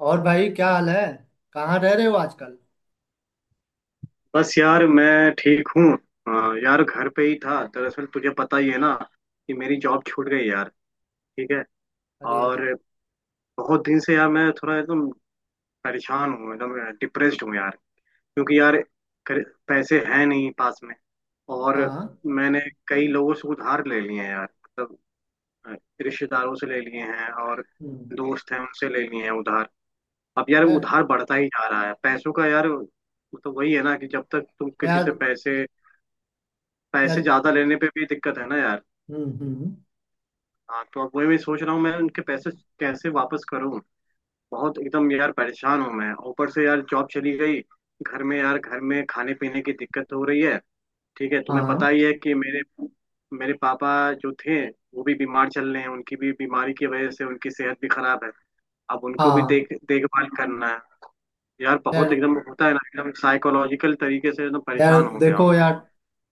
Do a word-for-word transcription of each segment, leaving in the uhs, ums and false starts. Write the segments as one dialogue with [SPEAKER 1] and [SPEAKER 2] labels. [SPEAKER 1] और भाई क्या हाल है। कहाँ रह रहे हो आजकल।
[SPEAKER 2] बस यार मैं ठीक हूँ। अ, यार घर पे ही था दरअसल, तुझे पता ही है ना कि मेरी जॉब छूट गई यार। ठीक है।
[SPEAKER 1] अरे
[SPEAKER 2] और
[SPEAKER 1] यार।
[SPEAKER 2] बहुत दिन से यार मैं थोड़ा एकदम परेशान हूँ, एकदम डिप्रेस्ड हूँ यार। क्योंकि यार कर- पैसे हैं नहीं पास में। और
[SPEAKER 1] हाँ।
[SPEAKER 2] मैंने कई लोगों से उधार ले लिए हैं यार, मतलब अ, रिश्तेदारों से ले लिए हैं, और
[SPEAKER 1] हम्म।
[SPEAKER 2] दोस्त हैं उनसे ले लिए हैं उधार। अब यार
[SPEAKER 1] यार।
[SPEAKER 2] उधार बढ़ता ही जा रहा है पैसों का, यार मतलब वही है ना कि जब तक तुम किसी से
[SPEAKER 1] यार।
[SPEAKER 2] पैसे पैसे
[SPEAKER 1] यार।
[SPEAKER 2] ज्यादा लेने पे भी दिक्कत है ना यार।
[SPEAKER 1] हम्म। हम्म।
[SPEAKER 2] हाँ, तो अब वही मैं सोच रहा हूँ, मैं उनके पैसे कैसे वापस करूँ। बहुत एकदम यार परेशान हूँ मैं, ऊपर से यार जॉब चली गई, घर में यार घर में खाने पीने की दिक्कत हो रही है। ठीक है, तुम्हें पता
[SPEAKER 1] हाँ।
[SPEAKER 2] ही है कि मेरे मेरे पापा जो थे वो भी बीमार चल रहे हैं, उनकी भी बीमारी की वजह से उनकी सेहत भी खराब है। अब उनको भी
[SPEAKER 1] हाँ।
[SPEAKER 2] देख देखभाल करना है। यार
[SPEAKER 1] यार।
[SPEAKER 2] बहुत एकदम होता है ना, एकदम साइकोलॉजिकल तरीके से एकदम
[SPEAKER 1] यार
[SPEAKER 2] परेशान हो गया हूँ
[SPEAKER 1] देखो
[SPEAKER 2] मैं।
[SPEAKER 1] यार।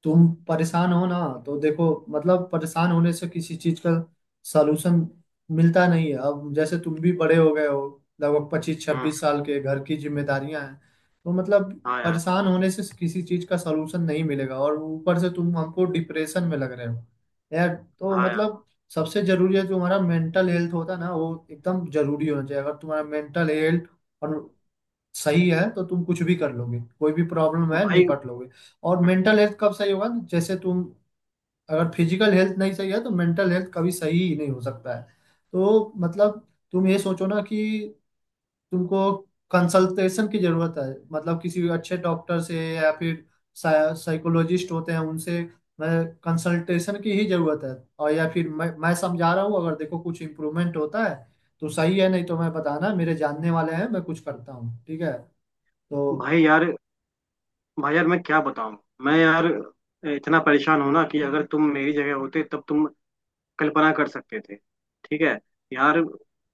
[SPEAKER 1] तुम परेशान हो ना। तो देखो मतलब परेशान होने से किसी चीज का सलूशन मिलता नहीं है। अब जैसे तुम भी बड़े हो गए हो लगभग पच्चीस
[SPEAKER 2] हम्म।
[SPEAKER 1] छब्बीस साल के, घर की जिम्मेदारियां हैं। तो मतलब
[SPEAKER 2] हाँ यार।
[SPEAKER 1] परेशान होने से किसी चीज का सलूशन नहीं मिलेगा और ऊपर से तुम हमको डिप्रेशन में लग रहे हो। यार तो
[SPEAKER 2] हाँ यार।
[SPEAKER 1] मतलब सबसे जरूरी है जो हमारा मेंटल हेल्थ होता है ना, वो एकदम जरूरी होना चाहिए। अगर तुम्हारा मेंटल हेल्थ और सही है तो तुम कुछ भी कर लोगे, कोई भी प्रॉब्लम है
[SPEAKER 2] भाई।
[SPEAKER 1] निपट लोगे। और मेंटल हेल्थ कब सही होगा, जैसे तुम अगर फिजिकल हेल्थ नहीं सही है तो मेंटल हेल्थ कभी सही ही नहीं हो सकता है। तो मतलब तुम ये सोचो ना कि तुमको कंसल्टेशन की जरूरत है। मतलब किसी भी अच्छे डॉक्टर से या फिर साइकोलॉजिस्ट होते हैं उनसे मैं कंसल्टेशन की ही जरूरत है। और या फिर मैं मैं समझा रहा हूँ, अगर देखो कुछ इम्प्रूवमेंट होता है तो सही है, नहीं तो मैं बताना, मेरे जानने वाले हैं, मैं कुछ करता हूँ। ठीक है तो।
[SPEAKER 2] भाई यार, भाई यार मैं क्या बताऊं। मैं यार इतना परेशान हूं ना कि अगर तुम मेरी जगह होते तब तुम कल्पना कर सकते थे। ठीक है यार,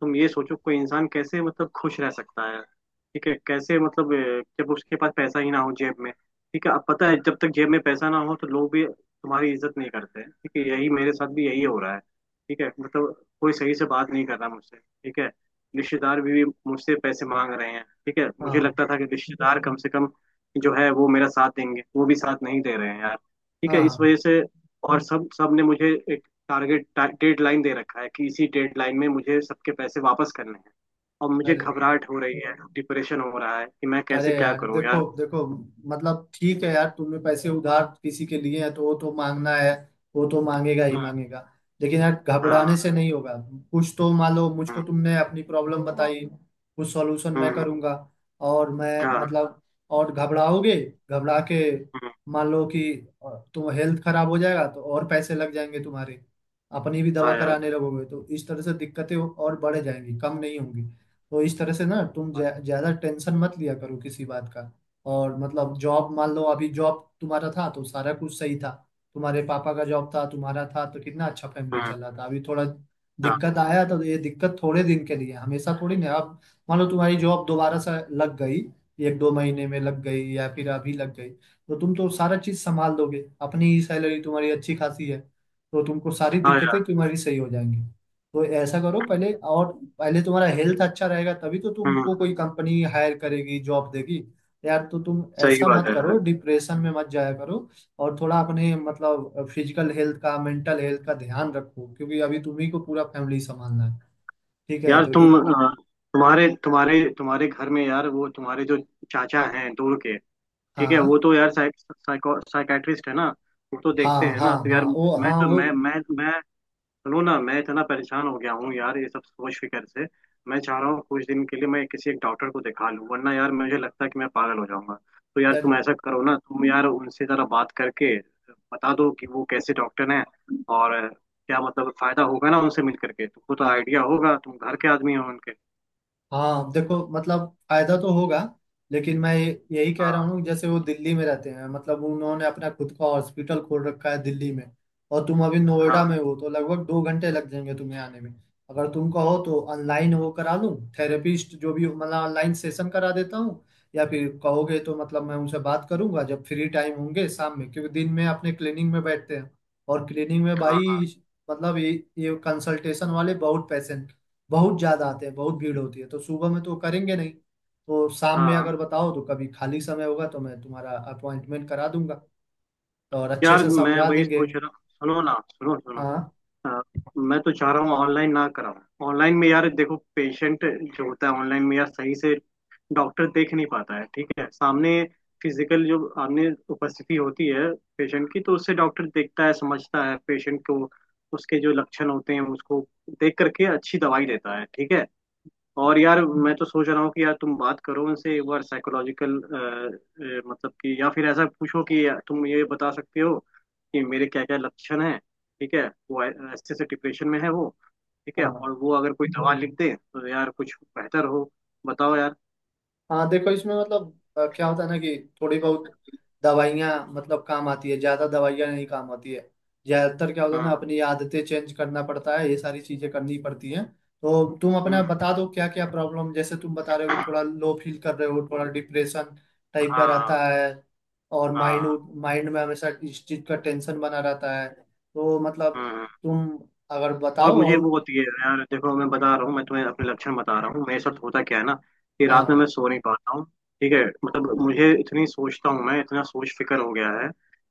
[SPEAKER 2] तुम ये सोचो कोई इंसान कैसे मतलब खुश रह सकता है। ठीक है, कैसे मतलब अ, जब उसके पास पैसा ही ना हो जेब में। ठीक है, अब पता है जब तक जेब में पैसा ना हो तो लोग भी तुम्हारी इज्जत नहीं करते। ठीक है, यही मेरे साथ भी यही हो रहा है। ठीक है, मतलब कोई सही से बात नहीं कर रहा मुझसे। ठीक है, रिश्तेदार भी, भी मुझसे पैसे मांग रहे हैं। ठीक है, मुझे
[SPEAKER 1] हाँ।
[SPEAKER 2] लगता था कि रिश्तेदार कम से कम जो है वो मेरा साथ देंगे, वो भी साथ नहीं दे रहे हैं यार। ठीक है, इस
[SPEAKER 1] हाँ।
[SPEAKER 2] वजह से। और सब सब ने मुझे टारगेट डेड लाइन दे रखा है कि इसी डेड लाइन में मुझे सबके पैसे वापस करने हैं। और मुझे
[SPEAKER 1] अरे।
[SPEAKER 2] घबराहट हो रही है, डिप्रेशन हो रहा है कि मैं
[SPEAKER 1] अरे
[SPEAKER 2] कैसे क्या
[SPEAKER 1] यार
[SPEAKER 2] करूं
[SPEAKER 1] देखो
[SPEAKER 2] यार।
[SPEAKER 1] देखो। मतलब ठीक है यार, तुमने पैसे उधार किसी के लिए हैं तो वो तो मांगना है। वो तो मांगेगा ही
[SPEAKER 2] हाँ,
[SPEAKER 1] मांगेगा। लेकिन यार
[SPEAKER 2] हाँ,
[SPEAKER 1] घबराने से नहीं होगा। कुछ तो मान लो, मुझको
[SPEAKER 2] हाँ,
[SPEAKER 1] तुमने अपनी प्रॉब्लम बताई, कुछ सॉल्यूशन मैं
[SPEAKER 2] हाँ,
[SPEAKER 1] करूंगा। और मैं
[SPEAKER 2] हाँ,
[SPEAKER 1] मतलब और घबराओगे, घबरा के
[SPEAKER 2] हाँ,
[SPEAKER 1] मान लो कि अ, तुम हेल्थ खराब हो जाएगा तो और पैसे लग जाएंगे तुम्हारे। अपनी भी दवा
[SPEAKER 2] हाँ यार।
[SPEAKER 1] कराने लगोगे तो इस तरह से दिक्कतें और बढ़ जाएंगी, कम नहीं होंगी। तो इस तरह से ना, तुम
[SPEAKER 2] हाँ।
[SPEAKER 1] ज्या- ज्यादा टेंशन मत लिया करो किसी बात का। और मतलब जॉब मान लो, अभी जॉब तुम्हारा था तो सारा कुछ सही था। तुम्हारे पापा का जॉब था, तुम्हारा था तो कितना अच्छा फैमिली
[SPEAKER 2] हम्म,
[SPEAKER 1] चल रहा था। अभी थोड़ा
[SPEAKER 2] हाँ।
[SPEAKER 1] दिक्कत आया तो ये दिक्कत थोड़े दिन के लिए है, हमेशा थोड़ी ना। अब मान लो तुम्हारी जॉब दोबारा से लग गई, एक दो महीने में लग गई या फिर अभी लग गई, तो तुम तो सारा चीज संभाल दोगे। अपनी ही सैलरी तुम्हारी अच्छी खासी है तो तुमको सारी
[SPEAKER 2] हाँ यार।
[SPEAKER 1] दिक्कतें तुम्हारी सही हो जाएंगी। तो ऐसा करो, पहले और पहले तुम्हारा हेल्थ अच्छा रहेगा तभी तो
[SPEAKER 2] हम्म।
[SPEAKER 1] तुमको कोई कंपनी हायर करेगी, जॉब देगी। यार तो तुम
[SPEAKER 2] सही
[SPEAKER 1] ऐसा मत
[SPEAKER 2] बात
[SPEAKER 1] हम्म
[SPEAKER 2] है यार।
[SPEAKER 1] करो, डिप्रेशन में मत जाया करो। और थोड़ा अपने मतलब फिजिकल हेल्थ का, मेंटल हेल्थ का ध्यान रखो, क्योंकि अभी तुम्ही को पूरा फैमिली संभालना है। ठीक है
[SPEAKER 2] यार
[SPEAKER 1] तो।
[SPEAKER 2] तुम अ, तुम्हारे तुम्हारे तुम्हारे घर में यार, वो तुम्हारे जो चाचा हैं दूर के, ठीक है,
[SPEAKER 1] हाँ
[SPEAKER 2] वो
[SPEAKER 1] इस,
[SPEAKER 2] तो यार साइको साइकाट्रिस्ट है ना, वो तो
[SPEAKER 1] हाँ
[SPEAKER 2] देखते
[SPEAKER 1] हाँ
[SPEAKER 2] हैं ना,
[SPEAKER 1] हाँ
[SPEAKER 2] तो
[SPEAKER 1] हाँ
[SPEAKER 2] यार
[SPEAKER 1] वो,
[SPEAKER 2] मैं
[SPEAKER 1] हाँ
[SPEAKER 2] तो
[SPEAKER 1] वो।
[SPEAKER 2] मैं मैं मैं सुनो ना, मैं इतना परेशान हो गया हूँ यार ये सब सोच फिकर से। मैं चाह रहा हूँ कुछ दिन के लिए मैं किसी एक डॉक्टर को दिखा लूँ, वरना यार मुझे लगता है कि मैं पागल हो जाऊंगा। तो यार
[SPEAKER 1] यार,
[SPEAKER 2] तुम ऐसा करो ना, तुम यार उनसे जरा बात करके बता दो कि वो कैसे डॉक्टर हैं और क्या मतलब फायदा होगा ना उनसे मिल करके, तुमको तो आइडिया होगा, तुम घर के आदमी हो उनके।
[SPEAKER 1] हाँ देखो मतलब फायदा तो होगा, लेकिन मैं ये- यही कह रहा
[SPEAKER 2] हाँ,
[SPEAKER 1] हूँ। जैसे वो दिल्ली में रहते हैं, मतलब उन्होंने अपना खुद का हॉस्पिटल खोल रखा है दिल्ली में। और तुम अभी नोएडा में
[SPEAKER 2] हाँ,
[SPEAKER 1] हो तो लगभग दो घंटे लग जाएंगे तुम्हें आने में। अगर तुम कहो तो ऑनलाइन वो करा लूँ, थेरेपिस्ट जो भी हो, मतलब ऑनलाइन सेशन करा देता हूँ। या फिर कहोगे तो मतलब मैं उनसे बात करूंगा जब फ्री टाइम होंगे शाम में, क्योंकि दिन में अपने क्लिनिक में बैठते हैं। और क्लिनिक में
[SPEAKER 2] हाँ।
[SPEAKER 1] भाई, मतलब ये ये कंसल्टेशन वाले बहुत पैसे, बहुत ज्यादा आते हैं, बहुत भीड़ होती है, तो सुबह में तो करेंगे नहीं। तो शाम में
[SPEAKER 2] हाँ
[SPEAKER 1] अगर बताओ तो कभी खाली समय होगा तो मैं तुम्हारा अपॉइंटमेंट करा दूंगा, तो और अच्छे
[SPEAKER 2] यार
[SPEAKER 1] से
[SPEAKER 2] मैं
[SPEAKER 1] समझा
[SPEAKER 2] वही
[SPEAKER 1] देंगे।
[SPEAKER 2] सोच रहा। सुनो ना, सुनो सुनो।
[SPEAKER 1] हाँ।
[SPEAKER 2] हाँ, मैं तो चाह रहा हूँ ऑनलाइन ना कराऊं। ऑनलाइन में यार देखो पेशेंट जो होता है, ऑनलाइन में यार सही से डॉक्टर देख नहीं पाता है। ठीक है, सामने फिजिकल जो सामने उपस्थिति होती है पेशेंट की, तो उससे डॉक्टर देखता है, समझता है पेशेंट को, उसके जो लक्षण होते हैं उसको देख करके अच्छी दवाई देता है। ठीक है। और यार मैं तो सोच रहा हूँ कि यार तुम बात करो उनसे एक बार, साइकोलॉजिकल मतलब कि, या फिर ऐसा पूछो कि यार तुम ये बता सकते हो कि मेरे क्या क्या लक्षण हैं। ठीक है, वो ऐ- ऐसे से डिप्रेशन में है वो। ठीक है,
[SPEAKER 1] हाँ।
[SPEAKER 2] और वो अगर कोई दवा लिख दे तो यार कुछ बेहतर हो। बताओ यार।
[SPEAKER 1] हाँ देखो इसमें मतलब अ, क्या होता है ना कि थोड़ी बहुत दवाइयाँ मतलब काम आती है, ज़्यादा दवाइयाँ नहीं काम आती है। ज़्यादातर क्या होता है ना,
[SPEAKER 2] हाँ,
[SPEAKER 1] अपनी आदतें चेंज करना पड़ता है, ये सारी चीज़ें करनी पड़ती हैं। तो तुम अपना
[SPEAKER 2] हाँ,
[SPEAKER 1] बता दो क्या क्या प्रॉब्लम, जैसे तुम बता रहे हो कि थोड़ा लो फील कर रहे हो, थोड़ा डिप्रेशन टाइप का
[SPEAKER 2] हाँ,
[SPEAKER 1] रहता है। और माइंड
[SPEAKER 2] हाँ,
[SPEAKER 1] माइंड में हमेशा इस चीज़ का टेंशन बना रहता है तो मतलब
[SPEAKER 2] हाँ।
[SPEAKER 1] तुम अगर
[SPEAKER 2] और
[SPEAKER 1] बताओ
[SPEAKER 2] मुझे
[SPEAKER 1] और।
[SPEAKER 2] वो होती है यार, देखो मैं बता रहा हूँ, मैं तुम्हें अपने लक्षण बता रहा हूँ, मेरे साथ होता क्या है ना कि रात में मैं
[SPEAKER 1] हाँ।
[SPEAKER 2] सो नहीं पाता हूँ। ठीक है, मतलब मुझे इतनी सोचता हूँ, मैं इतना सोच फिकर हो गया है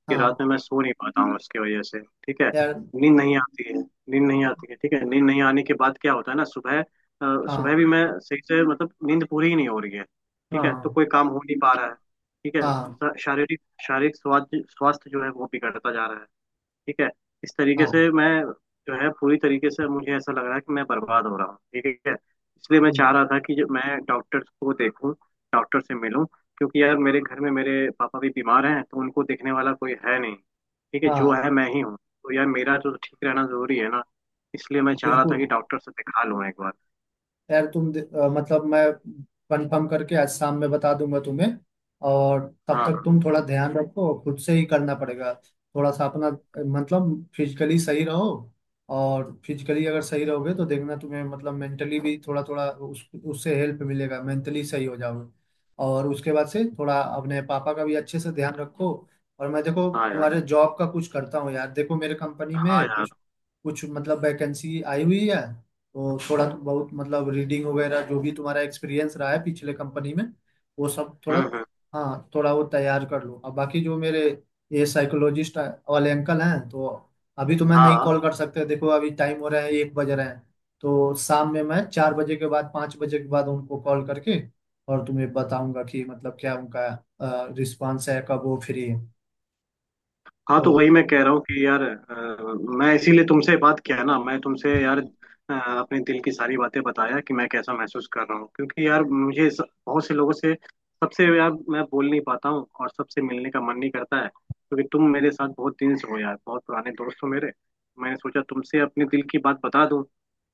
[SPEAKER 2] कि रात
[SPEAKER 1] हाँ
[SPEAKER 2] में मैं सो नहीं पाता हूँ इसकी वजह से। ठीक है,
[SPEAKER 1] यार।
[SPEAKER 2] नींद नहीं आती है, नींद नहीं आती है। ठीक है, नींद नहीं आने के बाद क्या होता है ना, सुबह अ, सुबह
[SPEAKER 1] हाँ
[SPEAKER 2] भी मैं सही से मतलब नींद पूरी ही नहीं हो रही है। ठीक है, तो
[SPEAKER 1] हाँ
[SPEAKER 2] कोई काम हो नहीं पा रहा है। ठीक है।
[SPEAKER 1] हाँ
[SPEAKER 2] श- शारीरिक शारीरिक स्वास्थ्य स्वास्थ्य जो है वो बिगड़ता जा रहा है। ठीक है, इस तरीके से
[SPEAKER 1] हाँ।
[SPEAKER 2] मैं जो है पूरी तरीके से मुझे ऐसा लग रहा है कि मैं बर्बाद हो रहा हूँ। ठीक है, इसलिए मैं चाह रहा था कि जो मैं डॉक्टर को देखूं, डॉक्टर से मिलूं, क्योंकि यार मेरे घर में मेरे पापा भी बीमार हैं तो उनको देखने वाला कोई है नहीं। ठीक है, जो
[SPEAKER 1] हाँ
[SPEAKER 2] है मैं ही हूँ, तो यार मेरा तो ठीक रहना जरूरी है ना। इसलिए मैं चाह रहा था
[SPEAKER 1] बिल्कुल।
[SPEAKER 2] कि डॉक्टर से दिखा लूं एक बार।
[SPEAKER 1] यार तुम दे- अ, मतलब मैं कंफर्म करके आज शाम में बता दूंगा तुम्हें। और तब
[SPEAKER 2] हाँ।
[SPEAKER 1] तक तुम थोड़ा ध्यान रखो, खुद से ही करना पड़ेगा थोड़ा सा अपना, अ, मतलब फिजिकली सही रहो। और फिजिकली अगर सही रहोगे तो देखना तुम्हें मतलब मेंटली भी थोड़ा थोड़ा उस उससे हेल्प मिलेगा, मेंटली सही हो जाओगे। और उसके बाद से थोड़ा अपने पापा का भी अच्छे से ध्यान रखो। और मैं देखो
[SPEAKER 2] हाँ यार,
[SPEAKER 1] तुम्हारे जॉब का कुछ करता हूँ, यार देखो मेरे कंपनी
[SPEAKER 2] हाँ
[SPEAKER 1] में
[SPEAKER 2] यार।
[SPEAKER 1] कुछ कुछ मतलब वैकेंसी आई हुई है। तो थोड़ा तो बहुत मतलब रीडिंग वगैरह जो भी तुम्हारा एक्सपीरियंस रहा है पिछले कंपनी में, वो सब थोड़ा,
[SPEAKER 2] हम्म, हम्म,
[SPEAKER 1] हाँ थोड़ा वो तैयार कर लो। अब बाकी जो मेरे ये साइकोलॉजिस्ट वाले अंकल हैं तो अभी तो मैं नहीं
[SPEAKER 2] हाँ।
[SPEAKER 1] कॉल कर सकते, देखो अभी टाइम हो रहा है, एक बज रहे हैं। तो शाम में मैं चार बजे के बाद, पाँच बजे के बाद उनको कॉल करके और तुम्हें बताऊंगा कि मतलब क्या उनका रिस्पांस है, कब वो फ्री है।
[SPEAKER 2] हाँ, तो
[SPEAKER 1] तो
[SPEAKER 2] वही मैं कह रहा हूँ कि यार अ, मैं इसीलिए तुमसे बात किया ना, मैं तुमसे यार अ, अपने दिल की सारी बातें बताया कि मैं कैसा महसूस कर रहा हूँ, क्योंकि यार मुझे स- बहुत से लोगों से, सबसे यार मैं बोल नहीं पाता हूँ और सबसे मिलने का मन नहीं करता है, क्योंकि तुम मेरे साथ बहुत दिन से हो यार, बहुत पुराने दोस्त हो मेरे। मैंने सोचा तुमसे अपने दिल की बात बता दूँ।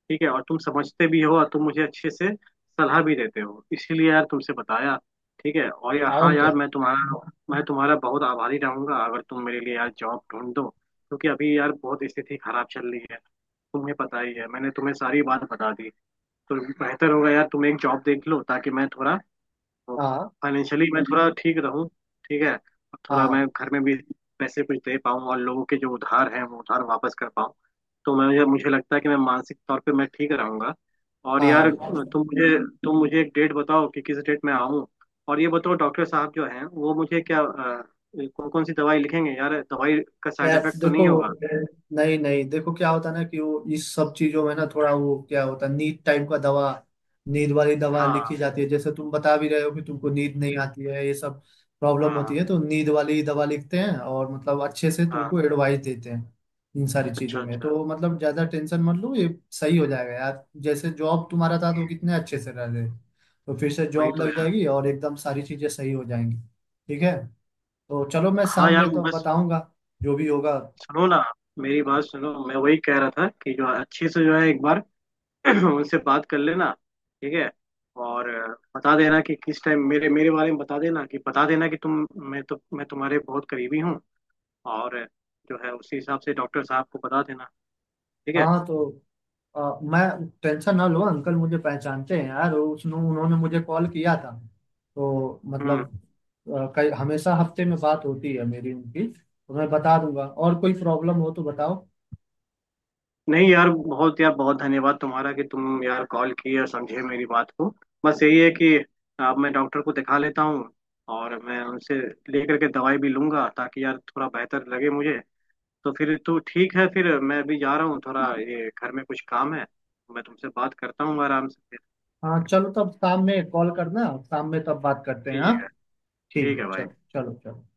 [SPEAKER 2] ठीक है, और तुम समझते भी हो और तुम मुझे अच्छे से सलाह भी देते हो, इसीलिए यार तुमसे बताया। ठीक है, और यार हाँ
[SPEAKER 1] और
[SPEAKER 2] यार
[SPEAKER 1] क्या।
[SPEAKER 2] मैं तुम्हारा मैं तुम्हारा बहुत आभारी रहूंगा अगर तुम मेरे लिए यार जॉब ढूंढ दो, क्योंकि अभी यार बहुत स्थिति खराब चल रही है। तुम्हें पता ही है, मैंने तुम्हें सारी बात बता दी। तो बेहतर होगा यार तुम एक जॉब देख लो ताकि मैं थोड़ा
[SPEAKER 1] हाँ।
[SPEAKER 2] फाइनेंशियली मैं थोड़ा ठीक रहूं। ठीक है, और थोड़ा
[SPEAKER 1] हाँ।
[SPEAKER 2] मैं घर में भी पैसे कुछ दे पाऊं और लोगों के जो उधार हैं वो उधार वापस कर पाऊं। तो मैं मुझे मुझे लगता है कि मैं मानसिक तौर पे मैं ठीक रहूंगा। और यार
[SPEAKER 1] हाँ
[SPEAKER 2] तुम मुझे तुम मुझे एक डेट बताओ कि किस डेट में आऊं। और ये बताओ डॉक्टर साहब जो हैं वो मुझे क्या कौन कौन सी दवाई लिखेंगे यार, दवाई का साइड
[SPEAKER 1] यार
[SPEAKER 2] इफेक्ट तो
[SPEAKER 1] देखो,
[SPEAKER 2] नहीं होगा।
[SPEAKER 1] नहीं नहीं देखो क्या होता है ना कि वो इस सब चीजों में ना थोड़ा वो क्या होता है, नींद टाइप का दवा, नींद वाली दवा
[SPEAKER 2] हाँ,
[SPEAKER 1] लिखी जाती है। जैसे तुम बता भी रहे हो कि तुमको नींद नहीं आती है, ये सब प्रॉब्लम
[SPEAKER 2] हाँ,
[SPEAKER 1] होती
[SPEAKER 2] हाँ।
[SPEAKER 1] है, तो नींद वाली दवा लिखते हैं और मतलब अच्छे से
[SPEAKER 2] हाँ।
[SPEAKER 1] तुमको एडवाइस देते हैं। इन सारी
[SPEAKER 2] अच्छा,
[SPEAKER 1] चीजों में
[SPEAKER 2] अच्छा।
[SPEAKER 1] तो मतलब ज्यादा टेंशन मत लो, ये सही हो जाएगा यार। जैसे जॉब तुम्हारा था तो कितने अच्छे से रह रहे, तो फिर से
[SPEAKER 2] वही
[SPEAKER 1] जॉब
[SPEAKER 2] तो
[SPEAKER 1] लग
[SPEAKER 2] यार।
[SPEAKER 1] जाएगी और एकदम सारी चीजें सही हो जाएंगी। ठीक है, तो चलो मैं
[SPEAKER 2] हाँ
[SPEAKER 1] शाम
[SPEAKER 2] यार,
[SPEAKER 1] में तो
[SPEAKER 2] बस
[SPEAKER 1] बताऊंगा जो भी होगा।
[SPEAKER 2] सुनो ना, मेरी बात सुनो, मैं वही कह रहा था कि जो अच्छे से जो है एक बार उनसे बात कर लेना। ठीक है, और अ, बता देना कि किस टाइम मेरे मेरे बारे में बता देना, कि बता देना कि तुम मैं तो मैं तुम्हारे बहुत करीबी हूँ। और अ, जो है उसी हिसाब से डॉक्टर साहब को बता देना। ठीक है।
[SPEAKER 1] हाँ तो अ, मैं टेंशन ना लो, अंकल मुझे पहचानते हैं यार, उसने उन्होंने मुझे कॉल किया था। तो मतलब
[SPEAKER 2] हम्म।
[SPEAKER 1] अ, कई, हमेशा हफ्ते में बात होती है मेरी उनकी, तो मैं बता दूंगा, और कोई प्रॉब्लम हो तो बताओ।
[SPEAKER 2] नहीं यार, बहुत यार बहुत धन्यवाद तुम्हारा कि तुम यार कॉल किए और समझे मेरी बात को। बस यही है कि अब मैं डॉक्टर को दिखा लेता हूँ, और मैं उनसे लेकर के दवाई भी लूंगा ताकि यार थोड़ा बेहतर लगे मुझे। तो फिर तो ठीक है, फिर मैं अभी जा रहा हूँ थोड़ा, ये घर में कुछ काम है तो मैं तुमसे बात करता हूँ आराम से फिर।
[SPEAKER 1] हाँ चलो, तब शाम में कॉल करना, शाम में तब बात करते हैं। हाँ।
[SPEAKER 2] ठीक है।
[SPEAKER 1] ठीक
[SPEAKER 2] ठीक है
[SPEAKER 1] है
[SPEAKER 2] भाई।
[SPEAKER 1] चलो चलो चलो।